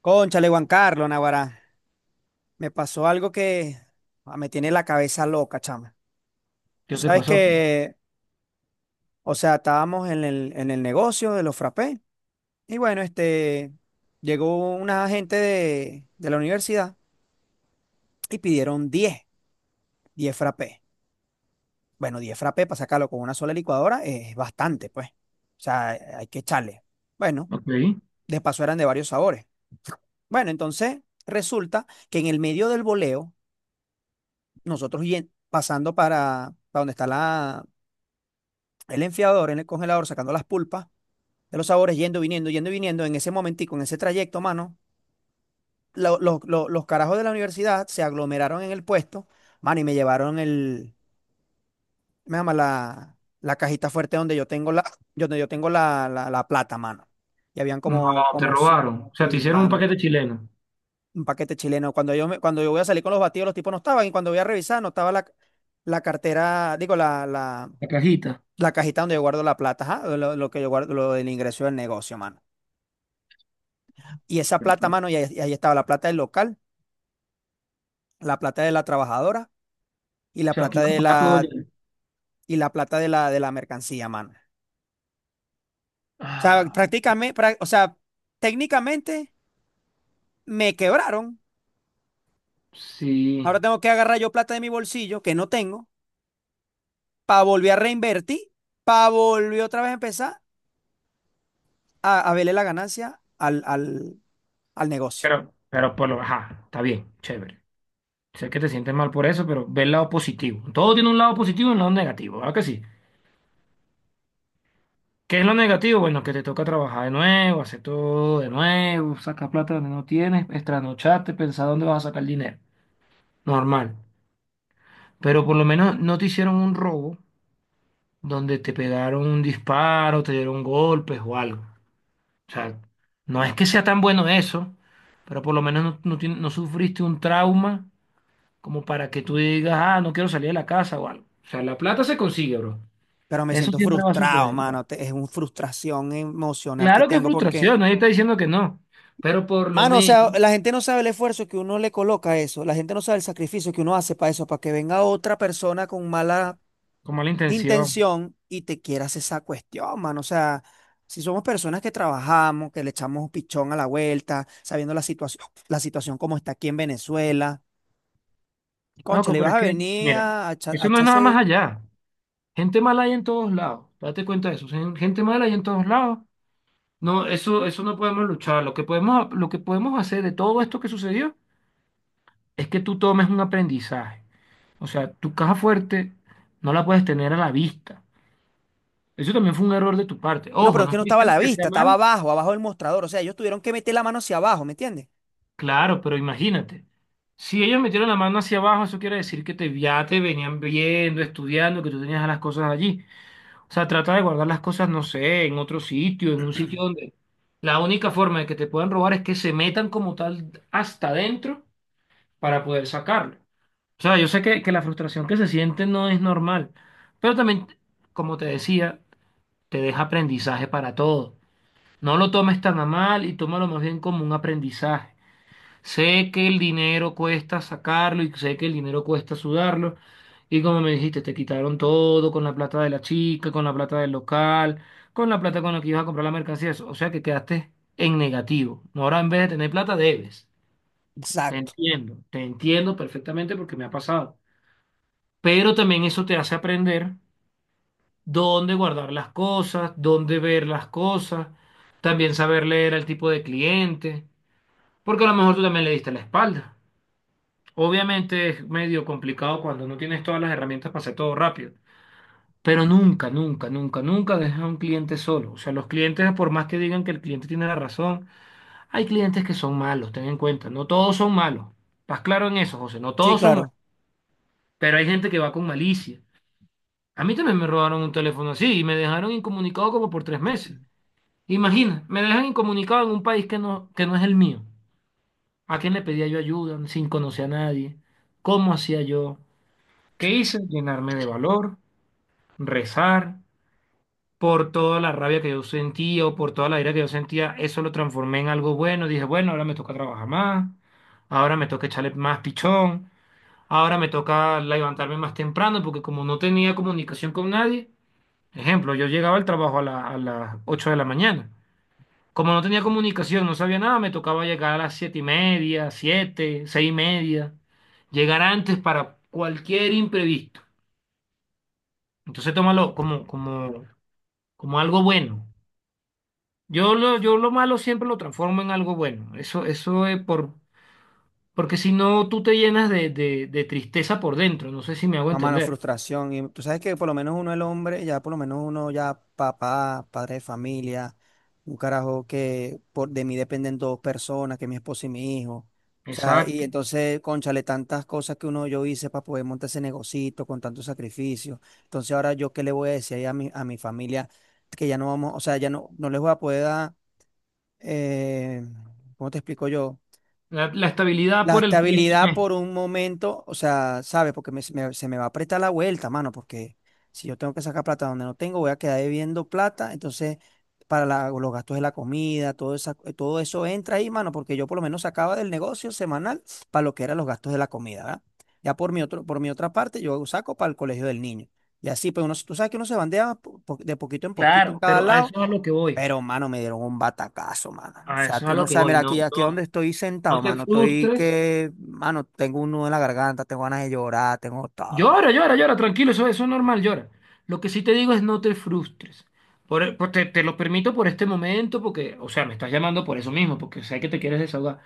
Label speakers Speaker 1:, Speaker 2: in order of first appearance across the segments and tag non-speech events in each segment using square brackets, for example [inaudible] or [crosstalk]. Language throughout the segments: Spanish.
Speaker 1: Cónchale, Juan Carlos, Naguará. Me pasó algo que me tiene la cabeza loca, chama. Tú
Speaker 2: ¿Qué te
Speaker 1: sabes
Speaker 2: pasó?
Speaker 1: que, o sea, estábamos en el negocio de los frappés. Y bueno, llegó una gente de la universidad y pidieron diez frappés. Bueno, 10 frappés para sacarlo con una sola licuadora es bastante, pues. O sea, hay que echarle. Bueno,
Speaker 2: Ok.
Speaker 1: de paso eran de varios sabores. Bueno, entonces resulta que en el medio del boleo nosotros pasando para donde está el enfriador en el congelador, sacando las pulpas de los sabores, yendo, viniendo, en ese momentico, en ese trayecto, mano, los carajos de la universidad se aglomeraron en el puesto, mano, y me llevaron me llama la cajita fuerte donde yo tengo [clears throat] donde yo tengo la plata, mano. Y habían
Speaker 2: No,
Speaker 1: como,
Speaker 2: te
Speaker 1: como,
Speaker 2: robaron. O sea, te
Speaker 1: y,
Speaker 2: hicieron un
Speaker 1: mano,
Speaker 2: paquete chileno.
Speaker 1: un paquete chileno. Cuando cuando yo voy a salir con los batidos, los tipos no estaban, y cuando voy a revisar, no estaba la cartera, digo,
Speaker 2: La cajita.
Speaker 1: la cajita donde yo guardo la plata, ajá, lo que yo guardo, lo del ingreso del negocio, mano. Y esa plata, mano,
Speaker 2: O
Speaker 1: y ahí estaba la plata del local, la plata de la trabajadora y la
Speaker 2: sea, aquí
Speaker 1: plata
Speaker 2: vas a pagar todo ya.
Speaker 1: y la plata de la mercancía, mano. O sea,
Speaker 2: Ah,
Speaker 1: o sea, técnicamente me quebraron.
Speaker 2: sí.
Speaker 1: Ahora tengo que agarrar yo plata de mi bolsillo, que no tengo, para volver a reinvertir, para volver otra vez a empezar a verle la ganancia al negocio.
Speaker 2: Pero por lo ajá, está bien, chévere. Sé que te sientes mal por eso, pero ve el lado positivo. Todo tiene un lado positivo y un lado negativo, ¿verdad que sí? ¿Qué es lo negativo? Bueno, que te toca trabajar de nuevo, hacer todo de nuevo, sacar plata donde no tienes, extranocharte, pensar dónde vas a sacar el dinero. Normal. Pero por lo menos no te hicieron un robo donde te pegaron un disparo, te dieron golpes o algo. O sea, no es que sea tan bueno eso, pero por lo menos no, no sufriste un trauma como para que tú digas, ah, no quiero salir de la casa o algo. O sea, la plata se consigue, bro.
Speaker 1: Pero me
Speaker 2: Eso
Speaker 1: siento
Speaker 2: siempre va a
Speaker 1: frustrado,
Speaker 2: suceder.
Speaker 1: mano. Es una frustración emocional que
Speaker 2: Claro que es
Speaker 1: tengo porque
Speaker 2: frustración, nadie está diciendo que no, pero por lo
Speaker 1: mano, o
Speaker 2: menos,
Speaker 1: sea, la gente no sabe el esfuerzo que uno le coloca a eso, la gente no sabe el sacrificio que uno hace para eso, para que venga otra persona con mala
Speaker 2: con mala intención.
Speaker 1: intención y te quieras esa cuestión, mano. O sea, si somos personas que trabajamos, que le echamos pichón a la vuelta, sabiendo la situación como está aquí en Venezuela, concha,
Speaker 2: Loco,
Speaker 1: le
Speaker 2: pero
Speaker 1: ibas
Speaker 2: es
Speaker 1: a
Speaker 2: que,
Speaker 1: venir
Speaker 2: mira,
Speaker 1: a
Speaker 2: eso no es nada más
Speaker 1: echarse.
Speaker 2: allá. Gente mala hay en todos lados. Date cuenta de eso. Gente mala hay en todos lados. No, eso no podemos luchar. Lo que podemos, hacer de todo esto que sucedió es que tú tomes un aprendizaje. O sea, tu caja fuerte no la puedes tener a la vista. Eso también fue un error de tu parte.
Speaker 1: No,
Speaker 2: Ojo,
Speaker 1: pero es
Speaker 2: no
Speaker 1: que no
Speaker 2: estoy
Speaker 1: estaba a
Speaker 2: diciendo
Speaker 1: la
Speaker 2: que sea
Speaker 1: vista, estaba
Speaker 2: mal.
Speaker 1: abajo, abajo del mostrador. O sea, ellos tuvieron que meter la mano hacia abajo, ¿me entiendes?
Speaker 2: Claro, pero imagínate. Si ellos metieron la mano hacia abajo, eso quiere decir que te, ya te venían viendo, estudiando, que tú tenías las cosas allí. O sea, trata de guardar las cosas, no sé, en otro sitio, en un sitio donde la única forma de que te puedan robar es que se metan como tal hasta adentro para poder sacarlo. O sea, yo sé que, la frustración que se siente no es normal, pero también, como te decía, te deja aprendizaje para todo. No lo tomes tan a mal y tómalo más bien como un aprendizaje. Sé que el dinero cuesta sacarlo y sé que el dinero cuesta sudarlo. Y como me dijiste, te quitaron todo con la plata de la chica, con la plata del local, con la plata con la que ibas a comprar la mercancía. O sea que quedaste en negativo. Ahora en vez de tener plata, debes.
Speaker 1: Exacto.
Speaker 2: Te entiendo perfectamente porque me ha pasado. Pero también eso te hace aprender dónde guardar las cosas, dónde ver las cosas, también saber leer al tipo de cliente, porque a lo mejor tú también le diste la espalda. Obviamente es medio complicado cuando no tienes todas las herramientas para hacer todo rápido, pero nunca, nunca, nunca, nunca dejas a un cliente solo. O sea, los clientes, por más que digan que el cliente tiene la razón, hay clientes que son malos, ten en cuenta, no todos son malos. ¿Estás claro en eso, José? No
Speaker 1: Sí,
Speaker 2: todos son malos,
Speaker 1: claro.
Speaker 2: pero hay gente que va con malicia. A mí también me robaron un teléfono así y me dejaron incomunicado como por tres meses. Imagina, me dejan incomunicado en un país que no, es el mío. ¿A quién le pedía yo ayuda sin conocer a nadie? ¿Cómo hacía yo? ¿Qué hice? Llenarme de valor, rezar. Por toda la rabia que yo sentía o por toda la ira que yo sentía, eso lo transformé en algo bueno. Dije, bueno, ahora me toca trabajar más, ahora me toca echarle más pichón, ahora me toca levantarme más temprano porque como no tenía comunicación con nadie. Ejemplo, yo llegaba al trabajo a las 8 de la mañana. Como no tenía comunicación, no sabía nada, me tocaba llegar a las 7 y media, 7 6 y media, llegar antes para cualquier imprevisto. Entonces tómalo como, como algo bueno. Yo lo malo siempre lo transformo en algo bueno. Eso es porque si no, tú te llenas de, tristeza por dentro. No sé si me hago
Speaker 1: No, mano,
Speaker 2: entender.
Speaker 1: frustración. Y tú sabes que por lo menos uno el hombre, ya por lo menos uno ya papá, padre de familia, un carajo que por, de mí dependen 2 personas, que mi esposo y mi hijo. O sea, y
Speaker 2: Exacto.
Speaker 1: entonces, cónchale, tantas cosas que uno yo hice para poder montar ese negocito con tanto sacrificio. Entonces ahora yo qué le voy a decir ahí a a mi familia que ya no vamos, o sea, ya no, no les voy a poder dar, eh, ¿cómo te explico yo?
Speaker 2: La estabilidad
Speaker 1: La
Speaker 2: por este
Speaker 1: estabilidad por
Speaker 2: mes.
Speaker 1: un momento, o sea, ¿sabes? Porque se me va a apretar la vuelta, mano, porque si yo tengo que sacar plata donde no tengo, voy a quedar debiendo plata, entonces para los gastos de la comida, todo, todo eso entra ahí, mano, porque yo por lo menos sacaba del negocio semanal para lo que eran los gastos de la comida, ¿verdad? Ya por mi otro, por mi otra parte, yo saco para el colegio del niño. Y así, pues uno, tú sabes que uno se bandea de poquito en poquito en
Speaker 2: Claro,
Speaker 1: cada
Speaker 2: pero a eso
Speaker 1: lado,
Speaker 2: es a lo que voy.
Speaker 1: pero, mano, me dieron un batacazo, mano. O
Speaker 2: A
Speaker 1: sea,
Speaker 2: eso es
Speaker 1: tú
Speaker 2: a
Speaker 1: no
Speaker 2: lo que
Speaker 1: sabes,
Speaker 2: voy,
Speaker 1: mira,
Speaker 2: no,
Speaker 1: aquí, aquí donde
Speaker 2: no,
Speaker 1: estoy sentado,
Speaker 2: no te
Speaker 1: mano, estoy
Speaker 2: frustres.
Speaker 1: que, mano, tengo un nudo en la garganta, tengo ganas de llorar, tengo todo, mano.
Speaker 2: Llora, llora, llora, tranquilo, eso es normal, llora. Lo que sí te digo es no te frustres. Te lo permito por este momento, porque, o sea, me estás llamando por eso mismo, porque sé que te quieres desahogar.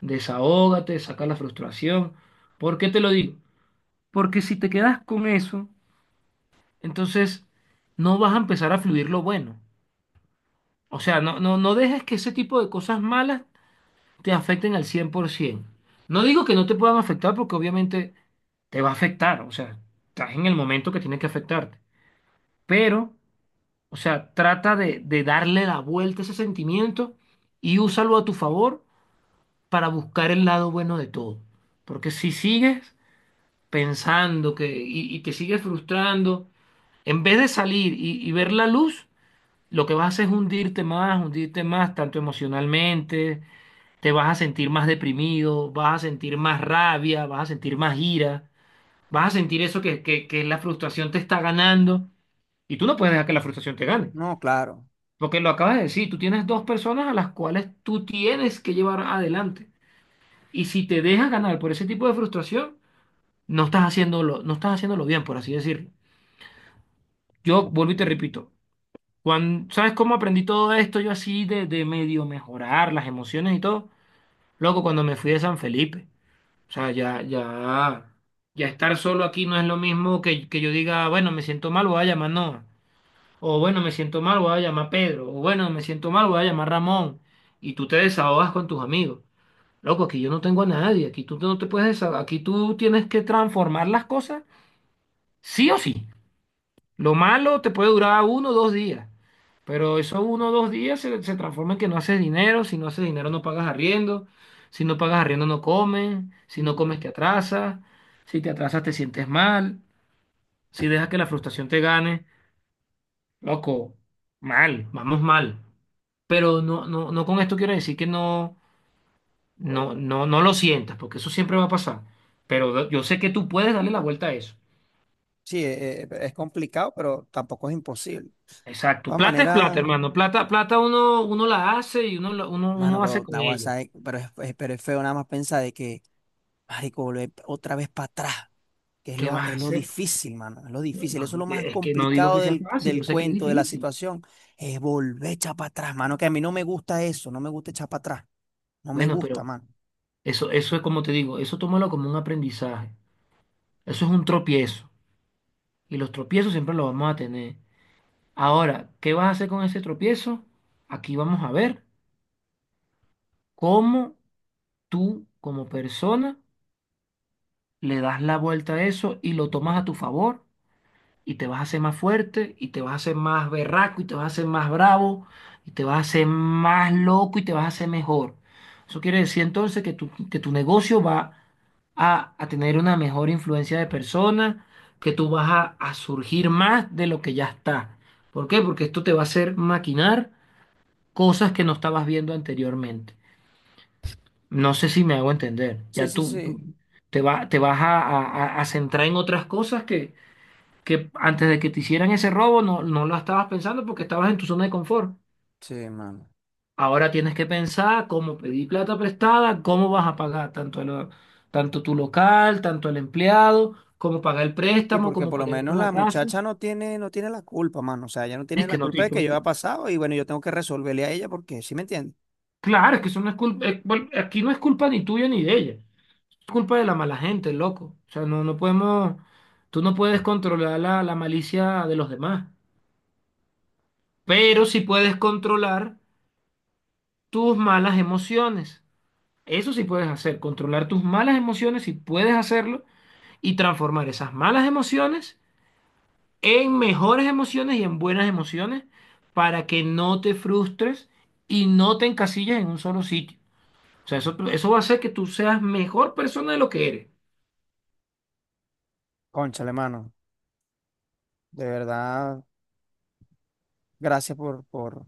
Speaker 2: Desahógate, saca la frustración. ¿Por qué te lo digo? Porque si te quedas con eso, entonces no vas a empezar a fluir lo bueno. O sea, no, no, no dejes que ese tipo de cosas malas te afecten al 100%. No digo que no te puedan afectar porque obviamente te va a afectar, o sea, estás en el momento que tiene que afectarte, pero, o sea, trata de, darle la vuelta a ese sentimiento y úsalo a tu favor para buscar el lado bueno de todo. Porque si sigues pensando que, y te sigues frustrando, en vez de salir y ver la luz, lo que vas a hacer es hundirte más, tanto emocionalmente, te vas a sentir más deprimido, vas a sentir más rabia, vas a sentir más ira, vas a sentir eso que, la frustración te está ganando y tú no puedes dejar que la frustración te gane,
Speaker 1: No, claro.
Speaker 2: porque lo acabas de decir, tú tienes dos personas a las cuales tú tienes que llevar adelante y si te dejas ganar por ese tipo de frustración, no estás haciéndolo, no estás haciéndolo bien, por así decirlo. Yo vuelvo y te repito, ¿sabes cómo aprendí todo esto yo así de, medio mejorar las emociones y todo? Loco, cuando me fui de San Felipe. O sea, ya, ya, ya estar solo aquí no es lo mismo que, yo diga, bueno, me siento mal, voy a llamar Noah. O bueno, me siento mal, voy a llamar Pedro. O bueno, me siento mal, voy a llamar Ramón. Y tú te desahogas con tus amigos. Loco, aquí yo no tengo a nadie. Aquí tú no te puedes desahogar. Aquí tú tienes que transformar las cosas sí o sí. Lo malo te puede durar uno o dos días, pero esos uno o dos días se transforma en que no haces dinero, si no haces dinero no pagas arriendo, si no pagas arriendo no comes, si no
Speaker 1: Mm,
Speaker 2: comes te atrasas, si te atrasas te sientes mal, si dejas que la frustración te gane, loco, mal, vamos mal. Pero no, no, no con esto quiero decir que no, no, no, no lo sientas, porque eso siempre va a pasar. Pero yo sé que tú puedes darle la vuelta a eso.
Speaker 1: sí, es complicado, pero tampoco es imposible. De
Speaker 2: Exacto.
Speaker 1: todas
Speaker 2: Plata es plata,
Speaker 1: maneras,
Speaker 2: hermano. Plata, plata uno la hace y uno, la- uno,
Speaker 1: mano,
Speaker 2: uno hace
Speaker 1: pero,
Speaker 2: con
Speaker 1: naguará,
Speaker 2: ella.
Speaker 1: ¿sabe? Pero, pero es feo nada más pensar de que, marico, volver otra vez para atrás. Que es
Speaker 2: ¿Qué vas a
Speaker 1: es lo
Speaker 2: hacer?
Speaker 1: difícil, mano, es lo
Speaker 2: No,
Speaker 1: difícil. Eso es
Speaker 2: no,
Speaker 1: lo más
Speaker 2: es que no digo
Speaker 1: complicado
Speaker 2: que sea fácil, yo
Speaker 1: del
Speaker 2: sé que es
Speaker 1: cuento, de la
Speaker 2: difícil.
Speaker 1: situación, es volver a echar para atrás, mano, que a mí no me gusta eso, no me gusta echar para atrás, no me
Speaker 2: Bueno,
Speaker 1: gusta,
Speaker 2: pero
Speaker 1: mano.
Speaker 2: eso es como te digo, eso tómalo como un aprendizaje. Eso es un tropiezo. Y los tropiezos siempre los vamos a tener. Ahora, ¿qué vas a hacer con ese tropiezo? Aquí vamos a ver cómo tú, como persona, le das la vuelta a eso y lo tomas a tu favor y te vas a hacer más fuerte y te vas a hacer más berraco y te vas a hacer más bravo y te vas a hacer más loco y te vas a hacer mejor. Eso quiere decir entonces que que tu negocio va a tener una mejor influencia de personas, que tú vas a surgir más de lo que ya está. ¿Por qué? Porque esto te va a hacer maquinar cosas que no estabas viendo anteriormente. No sé si me hago entender.
Speaker 1: Sí,
Speaker 2: Ya
Speaker 1: sí,
Speaker 2: tú
Speaker 1: sí,
Speaker 2: te vas a centrar en otras cosas que antes de que te hicieran ese robo no, no lo estabas pensando porque estabas en tu zona de confort.
Speaker 1: sí, mano.
Speaker 2: Ahora tienes que pensar cómo pedir plata prestada, cómo vas a pagar tanto, tanto tu local, tanto el empleado, cómo pagar el
Speaker 1: Sí,
Speaker 2: préstamo,
Speaker 1: porque
Speaker 2: cómo
Speaker 1: por lo
Speaker 2: pagar
Speaker 1: menos
Speaker 2: con la
Speaker 1: la
Speaker 2: casa.
Speaker 1: muchacha no tiene, no tiene la culpa, mano. O sea, ella no tiene
Speaker 2: Es que
Speaker 1: la
Speaker 2: no,
Speaker 1: culpa de que yo haya pasado y bueno, yo tengo que resolverle a ella porque, ¿sí me entiendes?
Speaker 2: claro, es que eso no es culpa, bueno, aquí no es culpa ni tuya ni de ella, es culpa de la mala gente, loco. O sea, no, no podemos, tú no puedes controlar la malicia de los demás, pero sí puedes controlar tus malas emociones. Eso sí puedes hacer, controlar tus malas emociones, si puedes hacerlo, y transformar esas malas emociones en mejores emociones y en buenas emociones para que no te frustres y no te encasilles en un solo sitio. O sea, eso va a hacer que tú seas mejor persona de lo que eres.
Speaker 1: Cónchale, mano, de verdad, gracias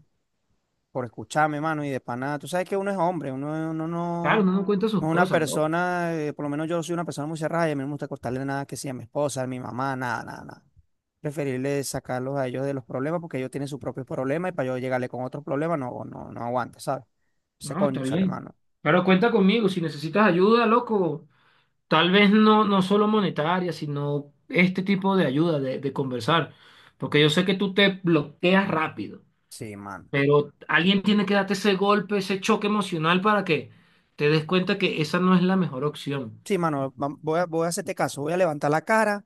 Speaker 1: por escucharme, mano, y de pana. Tú sabes que uno es hombre, uno
Speaker 2: Claro, uno
Speaker 1: no,
Speaker 2: no cuenta sus
Speaker 1: no es una
Speaker 2: cosas, loco.
Speaker 1: persona, por lo menos yo soy una persona muy cerrada y a mí no me gusta cortarle nada que sea a mi esposa, a mi mamá, nada, nada, nada. Preferirle sacarlos a ellos de los problemas porque ellos tienen sus propios problemas y para yo llegarle con otros problemas no, no, no aguanta, ¿sabes? Se
Speaker 2: No, está
Speaker 1: conchale,
Speaker 2: bien.
Speaker 1: mano.
Speaker 2: Pero cuenta conmigo, si necesitas ayuda, loco, tal vez no, no solo monetaria, sino este tipo de ayuda, de conversar, porque yo sé que tú te bloqueas rápido.
Speaker 1: Sí, mano.
Speaker 2: Pero alguien tiene que darte ese golpe, ese choque emocional para que te des cuenta que esa no es la mejor opción.
Speaker 1: Sí, mano, voy voy a hacerte caso, voy a levantar la cara.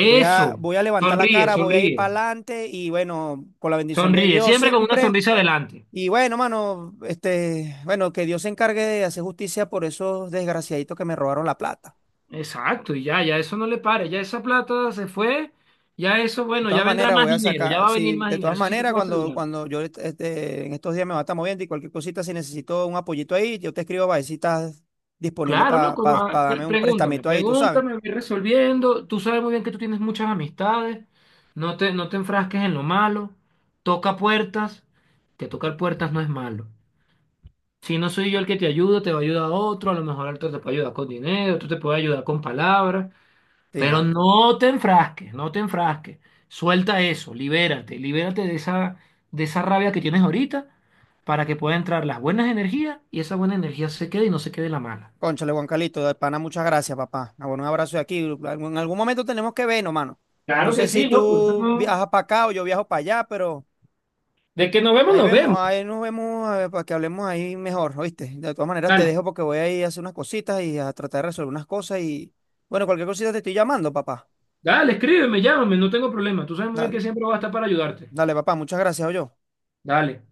Speaker 1: Voy
Speaker 2: Eso,
Speaker 1: voy a levantar la
Speaker 2: sonríe,
Speaker 1: cara, voy a ir
Speaker 2: sonríe,
Speaker 1: para adelante y bueno, con la bendición de
Speaker 2: sonríe,
Speaker 1: Dios
Speaker 2: siempre con una
Speaker 1: siempre.
Speaker 2: sonrisa adelante.
Speaker 1: Y bueno, mano, bueno, que Dios se encargue de hacer justicia por esos desgraciaditos que me robaron la plata.
Speaker 2: Exacto, y ya, ya eso no le pare, ya esa plata se fue, ya eso,
Speaker 1: De
Speaker 2: bueno,
Speaker 1: todas
Speaker 2: ya vendrá
Speaker 1: maneras,
Speaker 2: más
Speaker 1: voy a
Speaker 2: dinero, ya
Speaker 1: sacar,
Speaker 2: va a venir
Speaker 1: sí,
Speaker 2: más
Speaker 1: de
Speaker 2: dinero,
Speaker 1: todas
Speaker 2: eso sí te
Speaker 1: maneras,
Speaker 2: puedo asegurar.
Speaker 1: cuando yo este, en estos días me va a estar moviendo y cualquier cosita, si necesito un apoyito ahí, yo te escribo para ver si estás disponible
Speaker 2: Claro,
Speaker 1: para
Speaker 2: loco, no, ah,
Speaker 1: darme un
Speaker 2: pregúntame,
Speaker 1: prestamito ahí, tú sabes.
Speaker 2: pregúntame, voy resolviendo. Tú sabes muy bien que tú tienes muchas amistades, no te, enfrasques en lo malo, toca puertas, que tocar puertas no es malo. Si no soy yo el que te ayuda, te va a ayudar otro, a lo mejor otro te puede ayudar con dinero, otro te puede ayudar con palabras,
Speaker 1: Sí,
Speaker 2: pero
Speaker 1: mano.
Speaker 2: no te enfrasques, no te enfrasques. Suelta eso, libérate, libérate de esa, rabia que tienes ahorita para que pueda entrar las buenas energías y esa buena energía se quede y no se quede la mala.
Speaker 1: Cónchale, Juan Calito, de pana, muchas gracias, papá. Ah, bueno, un abrazo de aquí. En algún momento tenemos que vernos, mano. No
Speaker 2: Claro que
Speaker 1: sé si
Speaker 2: sí, loco. Eso
Speaker 1: tú
Speaker 2: no-
Speaker 1: viajas para acá o yo viajo para allá, pero.
Speaker 2: De que nos vemos,
Speaker 1: Ahí
Speaker 2: nos
Speaker 1: vemos,
Speaker 2: vemos.
Speaker 1: ahí nos vemos, para que hablemos ahí mejor, ¿oíste? De todas maneras te
Speaker 2: Dale,
Speaker 1: dejo porque voy a ir a hacer unas cositas y a tratar de resolver unas cosas y bueno, cualquier cosita te estoy llamando, papá.
Speaker 2: dale, escríbeme, llámame, no tengo problema. Tú sabes muy bien
Speaker 1: Dale,
Speaker 2: que siempre voy a estar para ayudarte.
Speaker 1: dale, papá, muchas gracias, yo.
Speaker 2: Dale.